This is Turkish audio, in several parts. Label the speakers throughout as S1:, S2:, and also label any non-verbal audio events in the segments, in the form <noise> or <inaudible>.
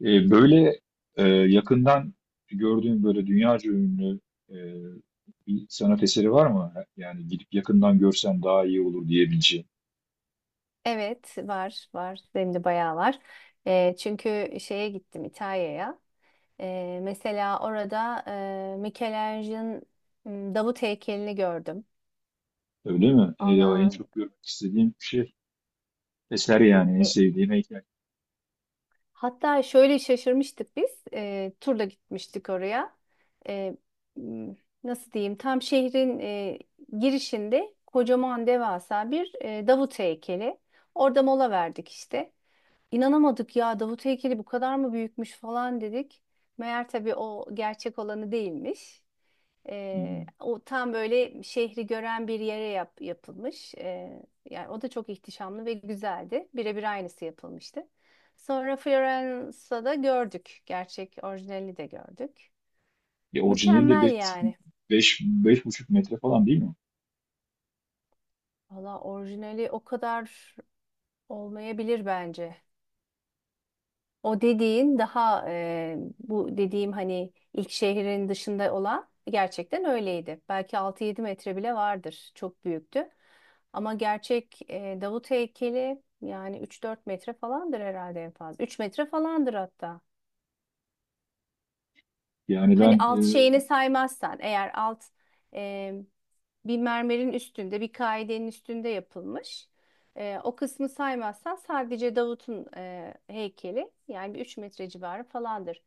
S1: Böyle Yakından gördüğün böyle dünyaca ünlü eee, bir sanat eseri var mı? Yani gidip yakından görsen daha iyi olur diyebileceğin.
S2: Evet var var benim de bayağı var. Çünkü şeye gittim İtalya'ya. Mesela orada Michelangelo'nun Davut heykelini gördüm.
S1: Öyle mi? Ya en
S2: Ona
S1: çok görmek istediğim şey eser, yani en
S2: e,
S1: sevdiğim heykel.
S2: hatta şöyle şaşırmıştık biz. Turla gitmiştik oraya. Eee, m, nasıl diyeyim? Tam şehrin girişinde kocaman devasa bir Davut heykeli. Orada mola verdik işte. İnanamadık ya Davut heykeli bu kadar mı büyükmüş falan dedik. Meğer tabii o gerçek olanı değilmiş.
S1: Hmm.
S2: O tam böyle şehri gören bir yere yapılmış. Yani o da çok ihtişamlı ve güzeldi. Birebir aynısı yapılmıştı. Sonra Florence'da da gördük. Gerçek orijinali de gördük.
S1: Ya orijinali de
S2: Mükemmel yani.
S1: beş buçuk metre falan değil mi?
S2: Valla orijinali o kadar olmayabilir bence. O dediğin daha e, bu dediğim hani ilk şehrin dışında olan gerçekten öyleydi. Belki 6-7 metre bile vardır. Çok büyüktü. Ama gerçek Davut heykeli yani 3-4 metre falandır herhalde en fazla. 3 metre falandır hatta.
S1: Yani
S2: Hani alt şeyini saymazsan eğer alt e, bir mermerin üstünde bir kaidenin üstünde yapılmış. O kısmı saymazsan sadece Davut'un heykeli yani bir 3 metre civarı falandır.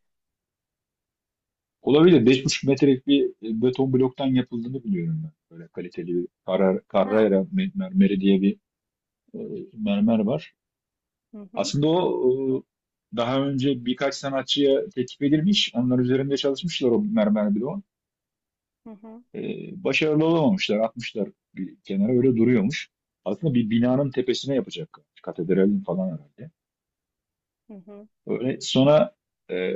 S1: olabilir, 5,5 metrelik bir beton bloktan yapıldığını biliyorum ben. Böyle kaliteli bir Carrara,
S2: Ha,
S1: Carrara me- mermeri diye bir e, mermer var.
S2: hı hı,
S1: Aslında o daha önce birkaç sanatçıya teklif edilmiş. Onlar üzerinde çalışmışlar o mermer bloğun.
S2: hı hı,
S1: E, Başarılı olamamışlar. Atmışlar bir kenara, öyle duruyormuş. Aslında bir binanın tepesine yapacak, katedralin falan herhalde.
S2: hı hı.
S1: Öyle sonra e,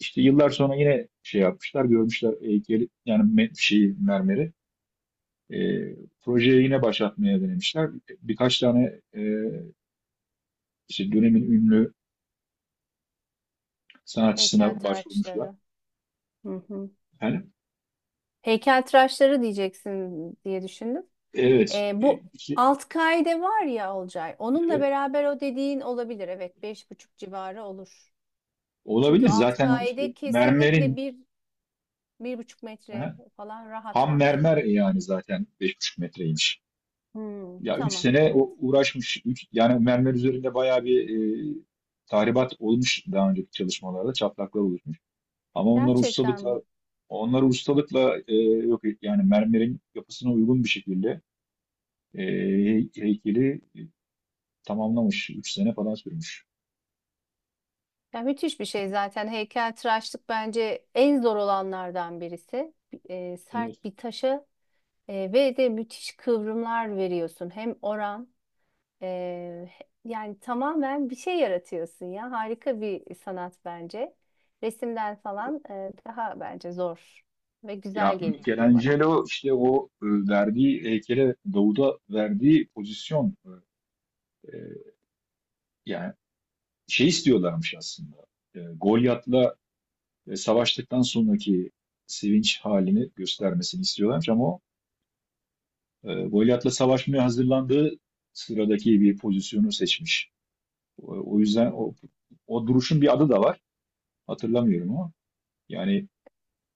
S1: işte yıllar sonra yine şey yapmışlar. Görmüşler heykeli, yani şeyi, mermeri. E, Projeyi yine başlatmaya denemişler. Birkaç tane işte dönemin ünlü sanatçısına başvurmuşlar.
S2: Heykeltıraşları. Hı hı.
S1: Yani
S2: Heykeltıraşları diyeceksin diye düşündüm.
S1: evet.
S2: Ee, bu
S1: İşte
S2: alt kaide var ya Olcay. Onunla
S1: evet.
S2: beraber o dediğin olabilir. Evet, beş buçuk civarı olur. Çünkü
S1: Olabilir,
S2: alt
S1: zaten o işte
S2: kaide kesinlikle
S1: mermerin,
S2: bir, 1,5 metre
S1: aha,
S2: falan rahat
S1: ham
S2: var.
S1: mermer, yani zaten 5,5 metreymiş.
S2: Hmm,
S1: Ya 3
S2: tamam,
S1: sene
S2: evet.
S1: o uğraşmış. Yani mermer üzerinde bayağı bir e, tahribat olmuş, daha önceki çalışmalarda çatlaklar oluşmuş. Ama onları
S2: Gerçekten
S1: ustalıkla
S2: mi?
S1: onları ustalıkla e, yok et- yani mermerin yapısına uygun bir şekilde e, heykeli tamamlamış. 3 sene falan sürmüş.
S2: Ya müthiş bir şey zaten. Heykeltıraşlık bence en zor olanlardan birisi. Sert bir taşa ve de müthiş kıvrımlar veriyorsun. E, yani tamamen bir şey yaratıyorsun ya. Harika bir sanat bence. Resimden falan daha bence zor ve
S1: Ya
S2: güzel geliyor bana.
S1: Michelangelo işte o verdiği heykele, Davud'a verdiği pozisyon, e, yani şey istiyorlarmış aslında. Golyat'la savaştıktan sonraki sevinç halini göstermesini istiyorlarmış, ama o Golyat'la savaşmaya hazırlandığı sıradaki bir pozisyonu seçmiş. O yüzden
S2: Hmm.
S1: o duruşun bir adı da var. Hatırlamıyorum ama yani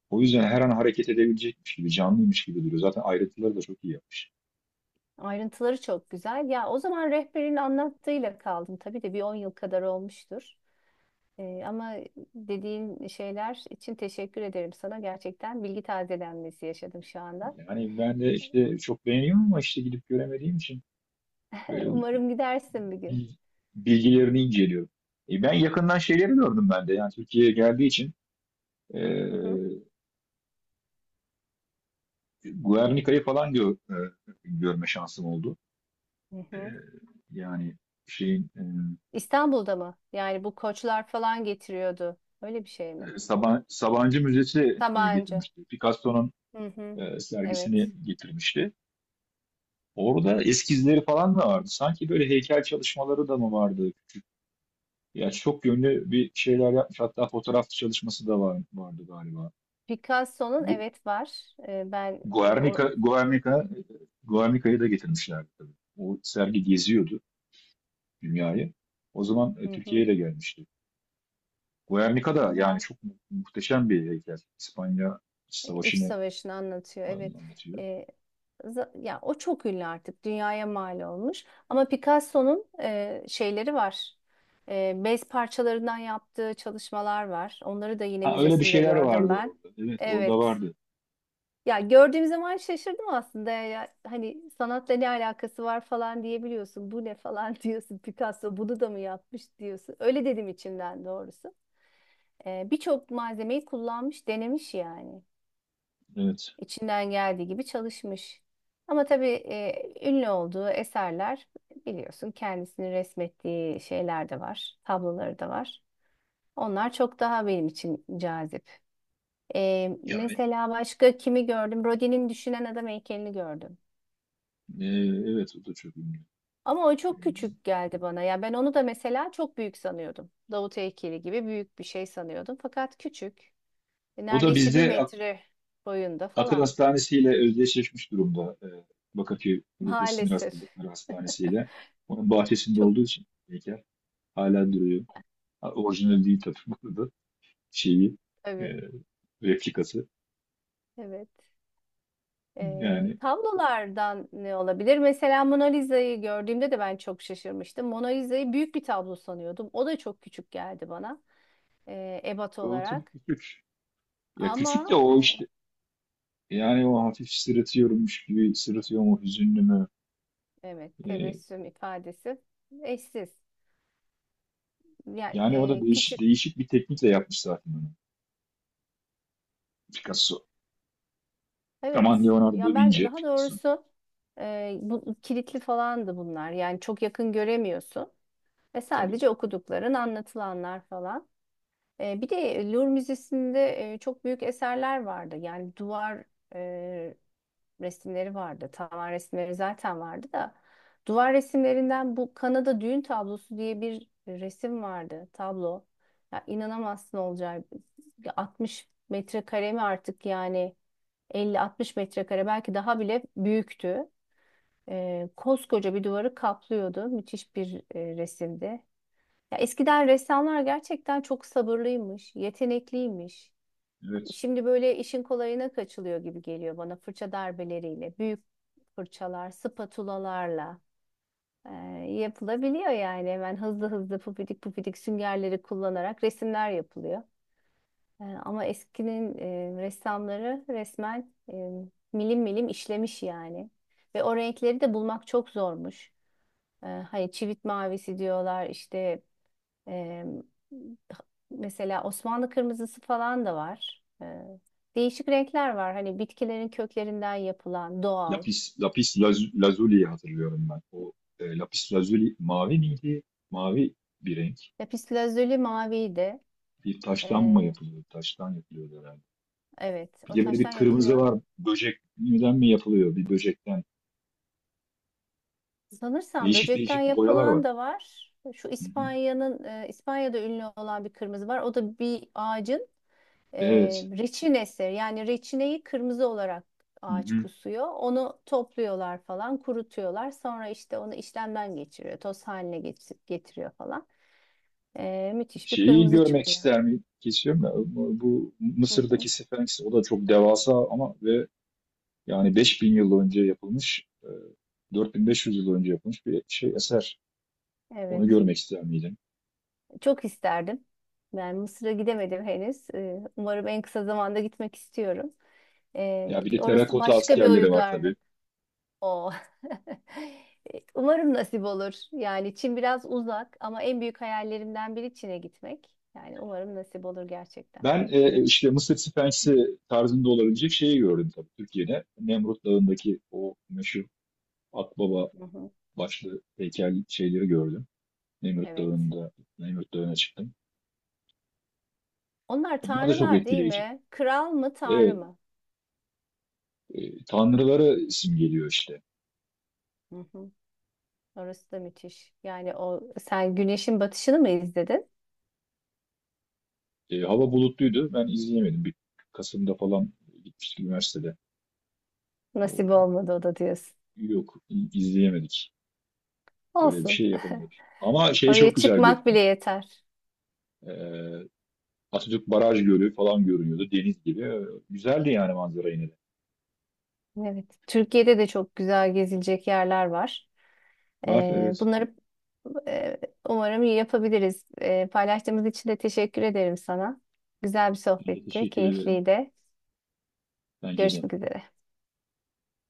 S1: o yüzden her an hareket edebilecekmiş gibi, canlıymış gibi duruyor. Zaten ayrıntıları da çok iyi yapmış.
S2: Ayrıntıları çok güzel. Ya o zaman rehberin anlattığıyla kaldım. Tabii de bir 10 yıl kadar olmuştur. Ama dediğin şeyler için teşekkür ederim sana. Gerçekten bilgi tazelenmesi yaşadım şu anda.
S1: Yani ben de işte çok beğeniyorum, ama işte gidip göremediğim için
S2: <laughs>
S1: böyle
S2: Umarım gidersin bir gün.
S1: bil- bilgilerini inceliyorum. Ben yakından şeyleri gördüm ben de. Yani Türkiye'ye geldiği için e,
S2: Hı hı.
S1: Guernica'yı falan görme şansım oldu.
S2: Hı
S1: E,
S2: hı.
S1: Yani şeyin,
S2: İstanbul'da mı? Yani bu koçlar falan getiriyordu. Öyle bir şey mi?
S1: Sabancı Müzesi
S2: Sabancı.
S1: getirmişti. Picasso'nun
S2: Hı hı. Evet.
S1: sergisini getirmişti. Orada eskizleri falan da vardı. Sanki böyle heykel çalışmaları da mı vardı? Ya çok yönlü bir şeyler yapmış. Hatta fotoğraf çalışması da var, vardı galiba.
S2: Picasso'nun
S1: Gu-
S2: evet var. Ben e, o
S1: Guernica, Guernica, Guernica'yı da getirmişlerdi tabii. O sergi geziyordu dünyayı. O zaman
S2: Hı hı.
S1: Türkiye'ye de gelmişti. Guernica da yani
S2: Güzel.
S1: çok muhteşem bir heykel. İspanya
S2: İç
S1: Savaşı'nı
S2: savaşını anlatıyor. Evet.
S1: falan anlatıyor.
S2: Ee, ya o çok ünlü artık. Dünyaya mal olmuş. Ama Picasso'nun şeyleri var. Bez parçalarından yaptığı çalışmalar var. Onları da yine
S1: Ha, öyle bir
S2: müzesinde
S1: şeyler
S2: gördüm
S1: vardı
S2: ben.
S1: orada. Evet, orada
S2: Evet.
S1: vardı.
S2: Ya gördüğüm zaman şaşırdım aslında ya. Hani sanatla ne alakası var falan diyebiliyorsun. Bu ne falan <laughs> diyorsun. Picasso bunu da mı yapmış diyorsun. Öyle dedim içimden doğrusu. Birçok malzemeyi kullanmış, denemiş yani.
S1: Evet.
S2: İçinden geldiği gibi çalışmış. Ama tabii ünlü olduğu eserler biliyorsun kendisini resmettiği şeyler de var. Tabloları da var. Onlar çok daha benim için cazip. Ee,
S1: Yani
S2: mesela başka kimi gördüm? Rodin'in Düşünen Adam heykelini gördüm.
S1: e, evet, o da çok ünlü.
S2: Ama o
S1: E,
S2: çok küçük geldi bana. Ya ben onu da mesela çok büyük sanıyordum. Davut heykeli gibi büyük bir şey sanıyordum. Fakat küçük. E,
S1: O da
S2: Neredeyse bir
S1: bizde
S2: metre boyunda
S1: Akıl
S2: falan.
S1: Hastanesi ile özdeşleşmiş durumda. Bakırköy Ruh ve Sinir
S2: Maalesef.
S1: Hastalıkları Hastanesi ile. Onun
S2: <laughs>
S1: bahçesinde
S2: Çok
S1: olduğu için heykel hala duruyor. Ha, orijinal değil tabii <laughs> bu arada. Şeyi, e,
S2: tabii.
S1: replikası.
S2: Evet. E,
S1: Yani
S2: tablolardan ne olabilir? Mesela Mona Lisa'yı gördüğümde de ben çok şaşırmıştım. Mona Lisa'yı büyük bir tablo sanıyordum. O da çok küçük geldi bana. Ebat
S1: o tabii
S2: olarak.
S1: küçük. Ya
S2: Ama
S1: küçük de o işte. Yani o hafif sırıtıyormuş gibi sırıtıyor mu, hüzünlü mü?
S2: evet
S1: E,
S2: tebessüm ifadesi eşsiz. Yani
S1: Yani o da değişik,
S2: küçük.
S1: değişik bir teknikle yapmış zaten onu. Picasso. Aman,
S2: Evet.
S1: Leonardo da
S2: Ya ben
S1: Vinci.
S2: daha
S1: Picasso.
S2: doğrusu bu kilitli falandı bunlar. Yani çok yakın göremiyorsun ve
S1: Tabii.
S2: sadece okudukların, anlatılanlar falan. Bir de Louvre Müzesi'nde çok büyük eserler vardı. Yani duvar e, resimleri vardı. Tavan resimleri zaten vardı da duvar resimlerinden bu Kanada düğün tablosu diye bir resim vardı, tablo. Ya inanamazsın Olcay. Ya 60 metrekare mi artık yani? 50-60 metrekare belki daha bile büyüktü. Koskoca bir duvarı kaplıyordu. Müthiş bir resimdi. Ya eskiden ressamlar gerçekten çok sabırlıymış, yetenekliymiş.
S1: Evet.
S2: Şimdi böyle işin kolayına kaçılıyor gibi geliyor bana fırça darbeleriyle, büyük fırçalar, spatulalarla e, yapılabiliyor yani. Hemen hızlı hızlı pufidik pufidik süngerleri kullanarak resimler yapılıyor. Ama eskinin ressamları resmen milim milim işlemiş yani. Ve o renkleri de bulmak çok zormuş. Hani çivit mavisi diyorlar işte e, mesela Osmanlı kırmızısı falan da var. Değişik renkler var. Hani bitkilerin köklerinden yapılan doğal.
S1: Lazuli'yi hatırlıyorum ben. O Lapis Lazuli mavi miydi? Mavi bir renk.
S2: Lapis lazuli maviydi.
S1: Bir
S2: E,
S1: taştan mı yapılıyor? Taştan yapılıyor herhalde.
S2: evet
S1: Bir
S2: o
S1: de böyle bir
S2: taştan
S1: kırmızı
S2: yapılıyor.
S1: var. Böcekten mi yapılıyor? Bir böcekten.
S2: Sanırsam
S1: Değişik
S2: böcekten
S1: değişik boyalar
S2: yapılan
S1: var.
S2: da var. Şu
S1: Hı hı.
S2: İspanya'da ünlü olan bir kırmızı var. O da bir ağacın e,
S1: Evet.
S2: reçinesi. Yani reçineyi kırmızı olarak
S1: Hı
S2: ağaç
S1: hı.
S2: kusuyor. Onu topluyorlar falan, kurutuyorlar. Sonra işte onu işlemden geçiriyor, toz haline getiriyor falan. Müthiş bir
S1: Şeyi
S2: kırmızı
S1: görmek
S2: çıkıyor.
S1: ister miyim? Kesiyorum ya. Bu
S2: Hı
S1: Mısır'daki
S2: hı,
S1: Sphinx, o da çok devasa, ama ve yani 5 bin yıl önce yapılmış, 4500 yıl önce yapılmış bir şey, eser. Onu
S2: evet.
S1: görmek ister miydin?
S2: Çok isterdim. Yani Mısır'a gidemedim henüz. Umarım en kısa zamanda gitmek istiyorum. E,
S1: Ya bir de
S2: orası
S1: terakota
S2: başka bir
S1: askerleri var tabii.
S2: uygarlık. O. <laughs> Umarım nasip olur. Yani Çin biraz uzak ama en büyük hayallerimden biri Çin'e gitmek. Yani umarım nasip olur gerçekten.
S1: Ben işte Mısır Sphinx'i tarzında olabilecek şeyi gördüm tabii Türkiye'de. Nemrut Dağı'ndaki o meşhur Akbaba
S2: Hı hı.
S1: başlı heykel şeyleri gördüm. Nemrut
S2: Evet.
S1: Dağı'nda, Nemrut Dağı'na çıktım.
S2: Onlar
S1: Onlar da çok
S2: tanrılar değil
S1: etkileyici.
S2: mi? Kral mı, tanrı
S1: Evet,
S2: mı?
S1: tanrılara simgeliyor işte.
S2: Hı hı. Orası da müthiş. Yani o sen güneşin batışını mı izledin?
S1: Hava bulutluydu. Ben izleyemedim. Bir Kasım'da falan gitmiştik üniversitede.
S2: Nasip
S1: O-
S2: olmadı o da diyorsun.
S1: Yok, izleyemedik. Böyle bir
S2: Olsun.
S1: şey yapamadık. Ama
S2: <laughs>
S1: şey çok
S2: Oraya
S1: güzel
S2: çıkmak bile
S1: görünüyordu.
S2: yeter.
S1: E, Atatürk Baraj Gölü falan görünüyordu. Deniz gibi. Güzeldi yani manzara yine de.
S2: Evet. Türkiye'de de çok güzel gezilecek yerler var.
S1: Var,
S2: Ee,
S1: evet.
S2: bunları e, umarım iyi yapabiliriz. Paylaştığımız için de teşekkür ederim sana. Güzel bir
S1: Ben de
S2: sohbetti,
S1: teşekkür ederim.
S2: keyifliydi.
S1: Bence de.
S2: Görüşmek üzere.